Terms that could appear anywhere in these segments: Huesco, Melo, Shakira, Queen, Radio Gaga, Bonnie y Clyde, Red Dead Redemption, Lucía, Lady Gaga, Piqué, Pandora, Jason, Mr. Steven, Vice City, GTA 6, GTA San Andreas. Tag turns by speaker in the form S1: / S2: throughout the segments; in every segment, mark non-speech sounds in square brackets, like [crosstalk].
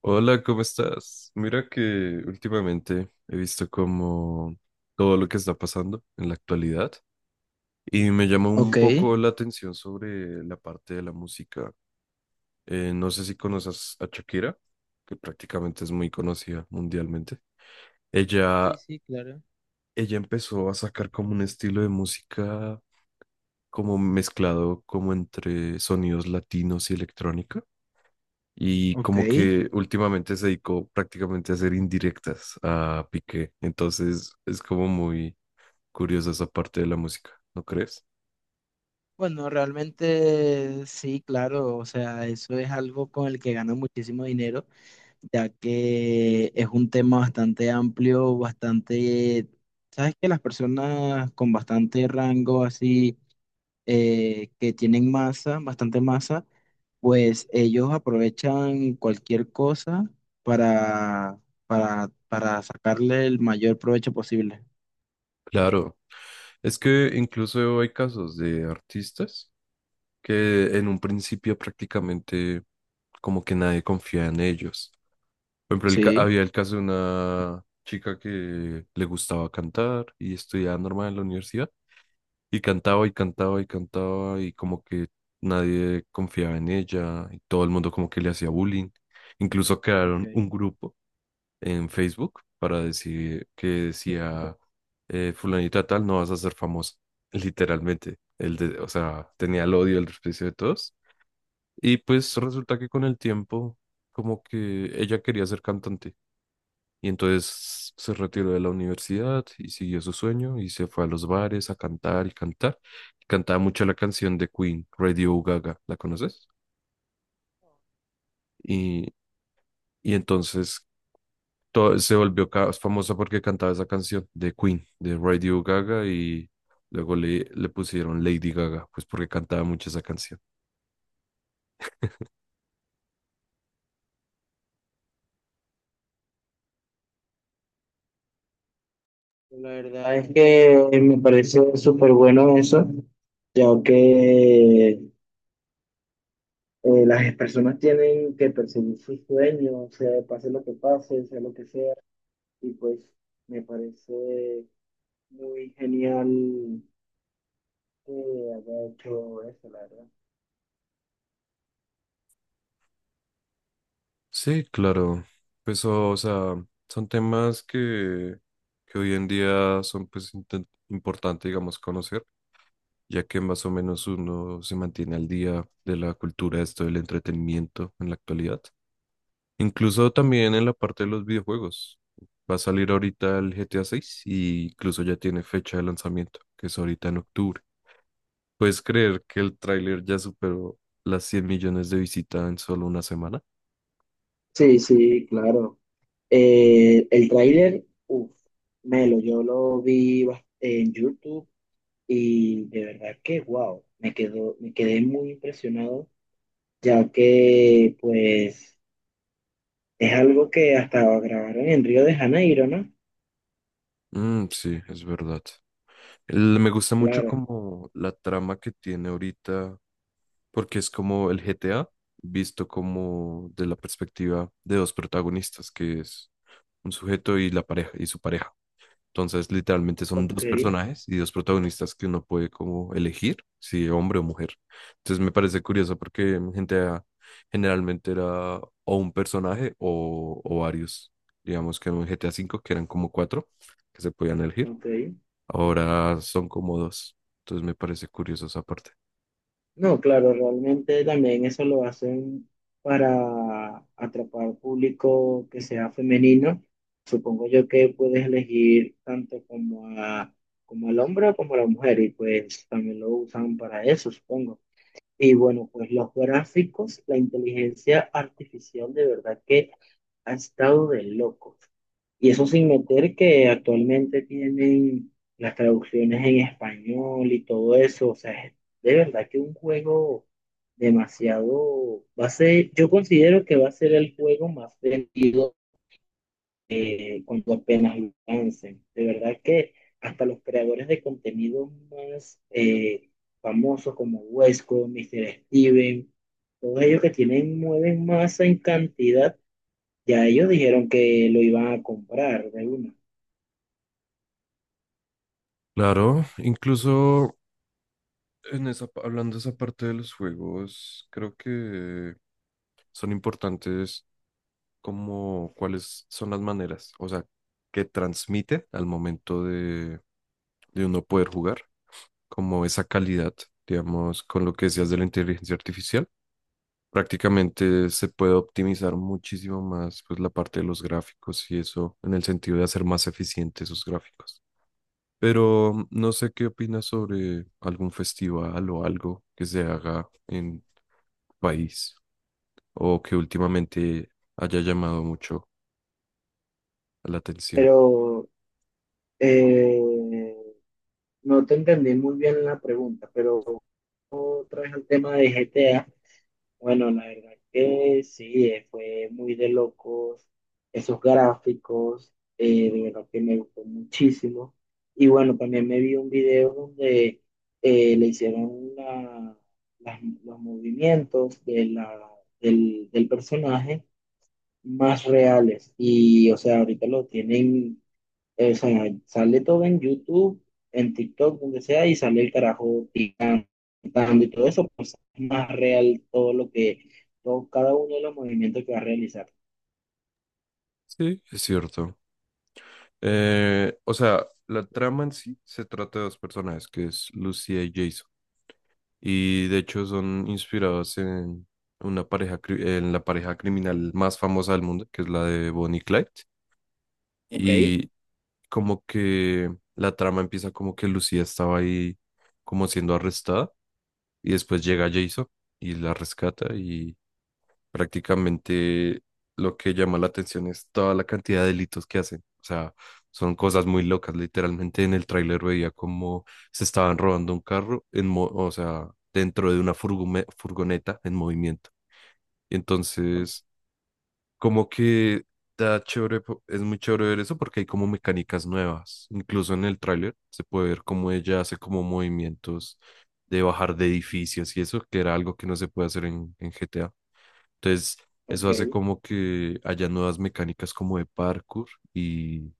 S1: Hola, ¿cómo estás? Mira que últimamente he visto como todo lo que está pasando en la actualidad y me llama un
S2: Ok.
S1: poco la atención sobre la parte de la música. No sé si conoces a Shakira, que prácticamente es muy conocida mundialmente. Ella,
S2: Sí, sí, claro.
S1: ella empezó a sacar como un estilo de música como mezclado como entre sonidos latinos y electrónicos y
S2: Ok.
S1: como que últimamente se dedicó prácticamente a hacer indirectas a Piqué. Entonces es como muy curiosa esa parte de la música, ¿no crees?
S2: Bueno, realmente sí, claro, o sea, eso es algo con el que gano muchísimo dinero, ya que es un tema bastante amplio, bastante, sabes que las personas con bastante rango así, que tienen masa, bastante masa, pues ellos aprovechan cualquier cosa para, para sacarle el mayor provecho posible.
S1: Claro, es que incluso hay casos de artistas que en un principio prácticamente como que nadie confía en ellos. Por ejemplo,
S2: Sí.
S1: había el caso de una chica que le gustaba cantar y estudiaba normal en la universidad. Y cantaba y cantaba y cantaba y como que nadie confiaba en ella y todo el mundo como que le hacía bullying. Incluso crearon un
S2: Ok.
S1: grupo en Facebook para decir que decía fulanita tal, no vas a ser famosa. [laughs] Literalmente, o sea, tenía el odio, el desprecio de todos. Y pues resulta que con el tiempo como que ella quería ser cantante y entonces se retiró de la universidad y siguió su sueño y se fue a los bares a cantar y cantar. Cantaba mucho la canción de Queen, Radio Gaga, ¿la conoces? Y, y entonces se volvió famosa porque cantaba esa canción de Queen, de Radio Gaga y luego le pusieron Lady Gaga, pues porque cantaba mucho esa canción.
S2: La verdad es que me parece súper bueno eso, ya que las personas tienen que perseguir sus sueños, sea pase lo que pase, sea lo que sea, y pues me parece muy genial que haya hecho eso, la verdad.
S1: Sí, claro. Pues o sea, son temas que hoy en día son pues importante, digamos, conocer ya que más o menos uno se mantiene al día de la cultura, esto del entretenimiento en la actualidad. Incluso también en la parte de los videojuegos. Va a salir ahorita el GTA 6 y incluso ya tiene fecha de lanzamiento, que es ahorita en octubre. ¿Puedes creer que el tráiler ya superó las 100 millones de visitas en solo una semana?
S2: Sí, sí, claro. El tráiler, uff, Melo, yo lo vi en YouTube y de verdad que wow, me quedé muy impresionado ya que pues es algo que hasta grabaron en Río de Janeiro, ¿no?
S1: Mm, sí, es verdad. Me gusta mucho
S2: Claro,
S1: como la trama que tiene ahorita porque es como el GTA visto como de la perspectiva de dos protagonistas, que es un sujeto y la pareja y su pareja. Entonces, literalmente son
S2: ok,
S1: dos personajes y dos protagonistas que uno puede como elegir si hombre o mujer. Entonces, me parece curioso porque en GTA generalmente era o un personaje o varios. Digamos que en un GTA cinco que eran como cuatro que se podían elegir,
S2: ok.
S1: ahora son como dos. Entonces, me parece curioso esa parte.
S2: No, claro, realmente también eso lo hacen para atrapar público que sea femenino. Supongo yo que puedes elegir tanto como al hombre como a la mujer y pues también lo usan para eso, supongo. Y bueno, pues los gráficos, la inteligencia artificial de verdad que ha estado de locos. Y eso sin meter que actualmente tienen las traducciones en español y todo eso. O sea, es de verdad que un juego demasiado. Yo considero que va a ser el juego más vendido cuando apenas lo lancen. De verdad que hasta los creadores de contenido más famosos como Huesco, Mr. Steven, todos ellos que tienen, mueven masa en cantidad, ya ellos dijeron que lo iban a comprar de una.
S1: Claro, incluso hablando de esa parte de los juegos, creo que son importantes como cuáles son las maneras, o sea, que transmite al momento de uno poder jugar, como esa calidad, digamos, con lo que decías de la inteligencia artificial. Prácticamente se puede optimizar muchísimo más pues la parte de los gráficos y eso en el sentido de hacer más eficientes esos gráficos. Pero no sé qué opinas sobre algún festival o algo que se haga en tu país o que últimamente haya llamado mucho la atención.
S2: Pero eh, no te entendí muy bien la pregunta, pero otra vez el tema de GTA. Bueno, la verdad que sí, fue muy de locos esos gráficos, de verdad que me gustó muchísimo. Y bueno, también me vi un video donde le hicieron los movimientos del personaje más reales. Y o sea, ahorita lo tienen, o sea, sale todo en YouTube, en TikTok, donde sea, y sale el carajo picando y todo eso, pues es más real todo, cada uno de los movimientos que va a realizar.
S1: Sí, es cierto. O sea, la trama en sí se trata de dos personajes, que es Lucía y Jason. Y de hecho son inspirados en en la pareja criminal más famosa del mundo, que es la de Bonnie y Clyde.
S2: Ok,
S1: Y como que la trama empieza como que Lucía estaba ahí como siendo arrestada y después llega Jason y la rescata y prácticamente lo que llama la atención es toda la cantidad de delitos que hacen. O sea, son cosas muy locas. Literalmente en el tráiler veía como se estaban robando un carro o sea, dentro de una furgoneta en movimiento. Entonces como que está chévere, es muy chévere ver eso porque hay como mecánicas nuevas. Incluso en el tráiler se puede ver cómo ella hace como movimientos de bajar de edificios y eso, que era algo que no se puede hacer en GTA. Entonces, eso hace
S2: ok.
S1: como que haya nuevas mecánicas como de parkour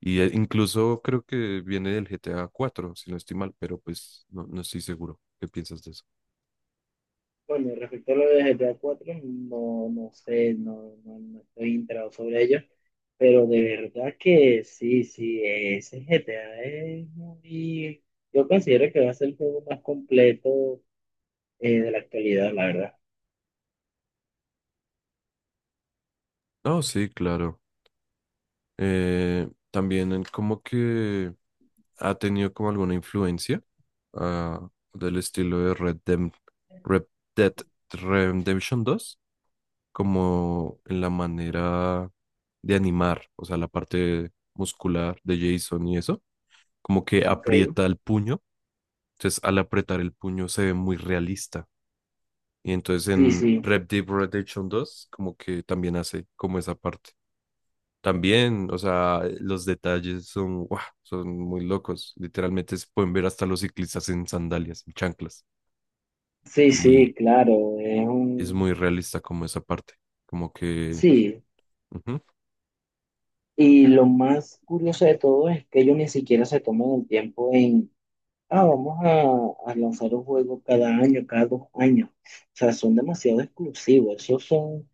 S1: y incluso creo que viene del GTA 4 si no estoy mal, pero pues no, no estoy seguro. ¿Qué piensas de eso?
S2: Bueno, respecto a lo de GTA 4 no, no sé, no, no, no estoy enterado sobre ello, pero de verdad que sí, sí, ese GTA es yo considero que va a ser el juego más completo de la actualidad, la verdad.
S1: No, sí, claro. También en como que ha tenido como alguna influencia ah, del estilo de Red Dead Redemption dos como en la manera de animar, o sea, la parte muscular de Jason y eso, como que
S2: Ok,
S1: aprieta el puño, entonces al apretar el puño se ve muy realista. Y entonces
S2: sí,
S1: en
S2: sí.
S1: Red Dead Redemption dos como que también hace como esa parte. También, o sea, los detalles son, ¡guau! Son muy locos. Literalmente se pueden ver hasta los ciclistas en sandalias, en chanclas.
S2: Sí,
S1: Y
S2: sí, claro, es
S1: es muy
S2: un.
S1: realista como esa parte. Como que...
S2: Sí,
S1: ujú.
S2: y lo más curioso de todo es que ellos ni siquiera se toman el tiempo en, vamos a lanzar un juego cada año, cada 2 años. O sea, son demasiado exclusivos. Esos son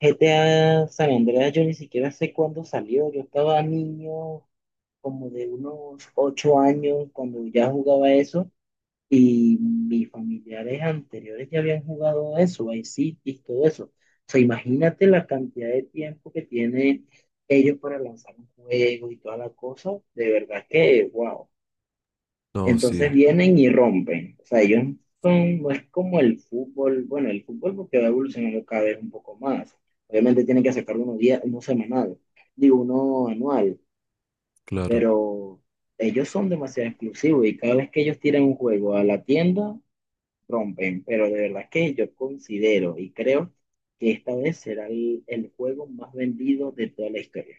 S2: GTA San Andreas, yo ni siquiera sé cuándo salió. Yo estaba niño, como de unos 8 años, cuando ya jugaba eso. Y mis familiares anteriores ya habían jugado eso, Vice City, todo eso. O sea, imagínate la cantidad de tiempo que tienen ellos para lanzar un juego y toda la cosa. De verdad que, wow.
S1: No, sí,
S2: Entonces vienen y rompen. O sea, ellos no es como el fútbol. Bueno, el fútbol porque va evolucionando cada vez un poco más. Obviamente tienen que sacar uno, uno semanal, digo, uno anual,
S1: claro.
S2: pero ellos son demasiado exclusivos y cada vez que ellos tiran un juego a la tienda, rompen, pero de verdad que yo considero y creo que esta vez será el juego más vendido de toda la historia.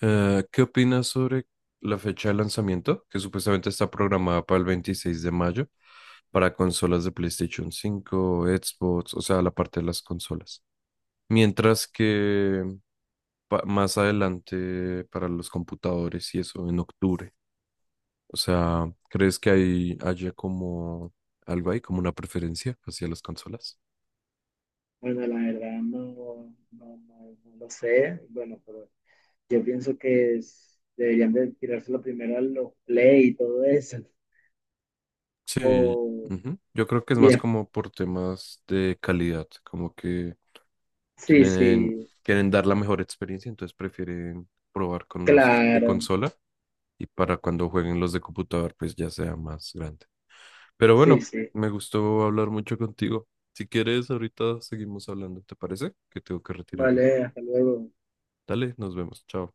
S1: ¿Qué opinas sobre la fecha de lanzamiento? Que supuestamente está programada para el 26 de mayo para consolas de PlayStation 5, Xbox, o sea, la parte de las consolas. Mientras que más adelante para los computadores y eso, en octubre. O sea, ¿crees que haya como algo ahí, como una preferencia hacia las consolas?
S2: Bueno, la verdad no, no, no, no lo sé, bueno, pero yo pienso que deberían de tirárselo primero a los play y todo eso.
S1: Sí,
S2: O,
S1: ujú. Yo creo que es
S2: y
S1: más
S2: de-
S1: como por temas de calidad, como que
S2: Sí,
S1: quieren,
S2: sí,
S1: quieren dar la mejor experiencia, entonces prefieren probar con los de
S2: claro,
S1: consola y para cuando jueguen los de computador, pues ya sea más grande. Pero
S2: sí,
S1: bueno,
S2: sí.
S1: me gustó hablar mucho contigo. Si quieres, ahorita seguimos hablando, ¿te parece? Que tengo que retirarme.
S2: Vale, hasta luego.
S1: Dale, nos vemos. Chao.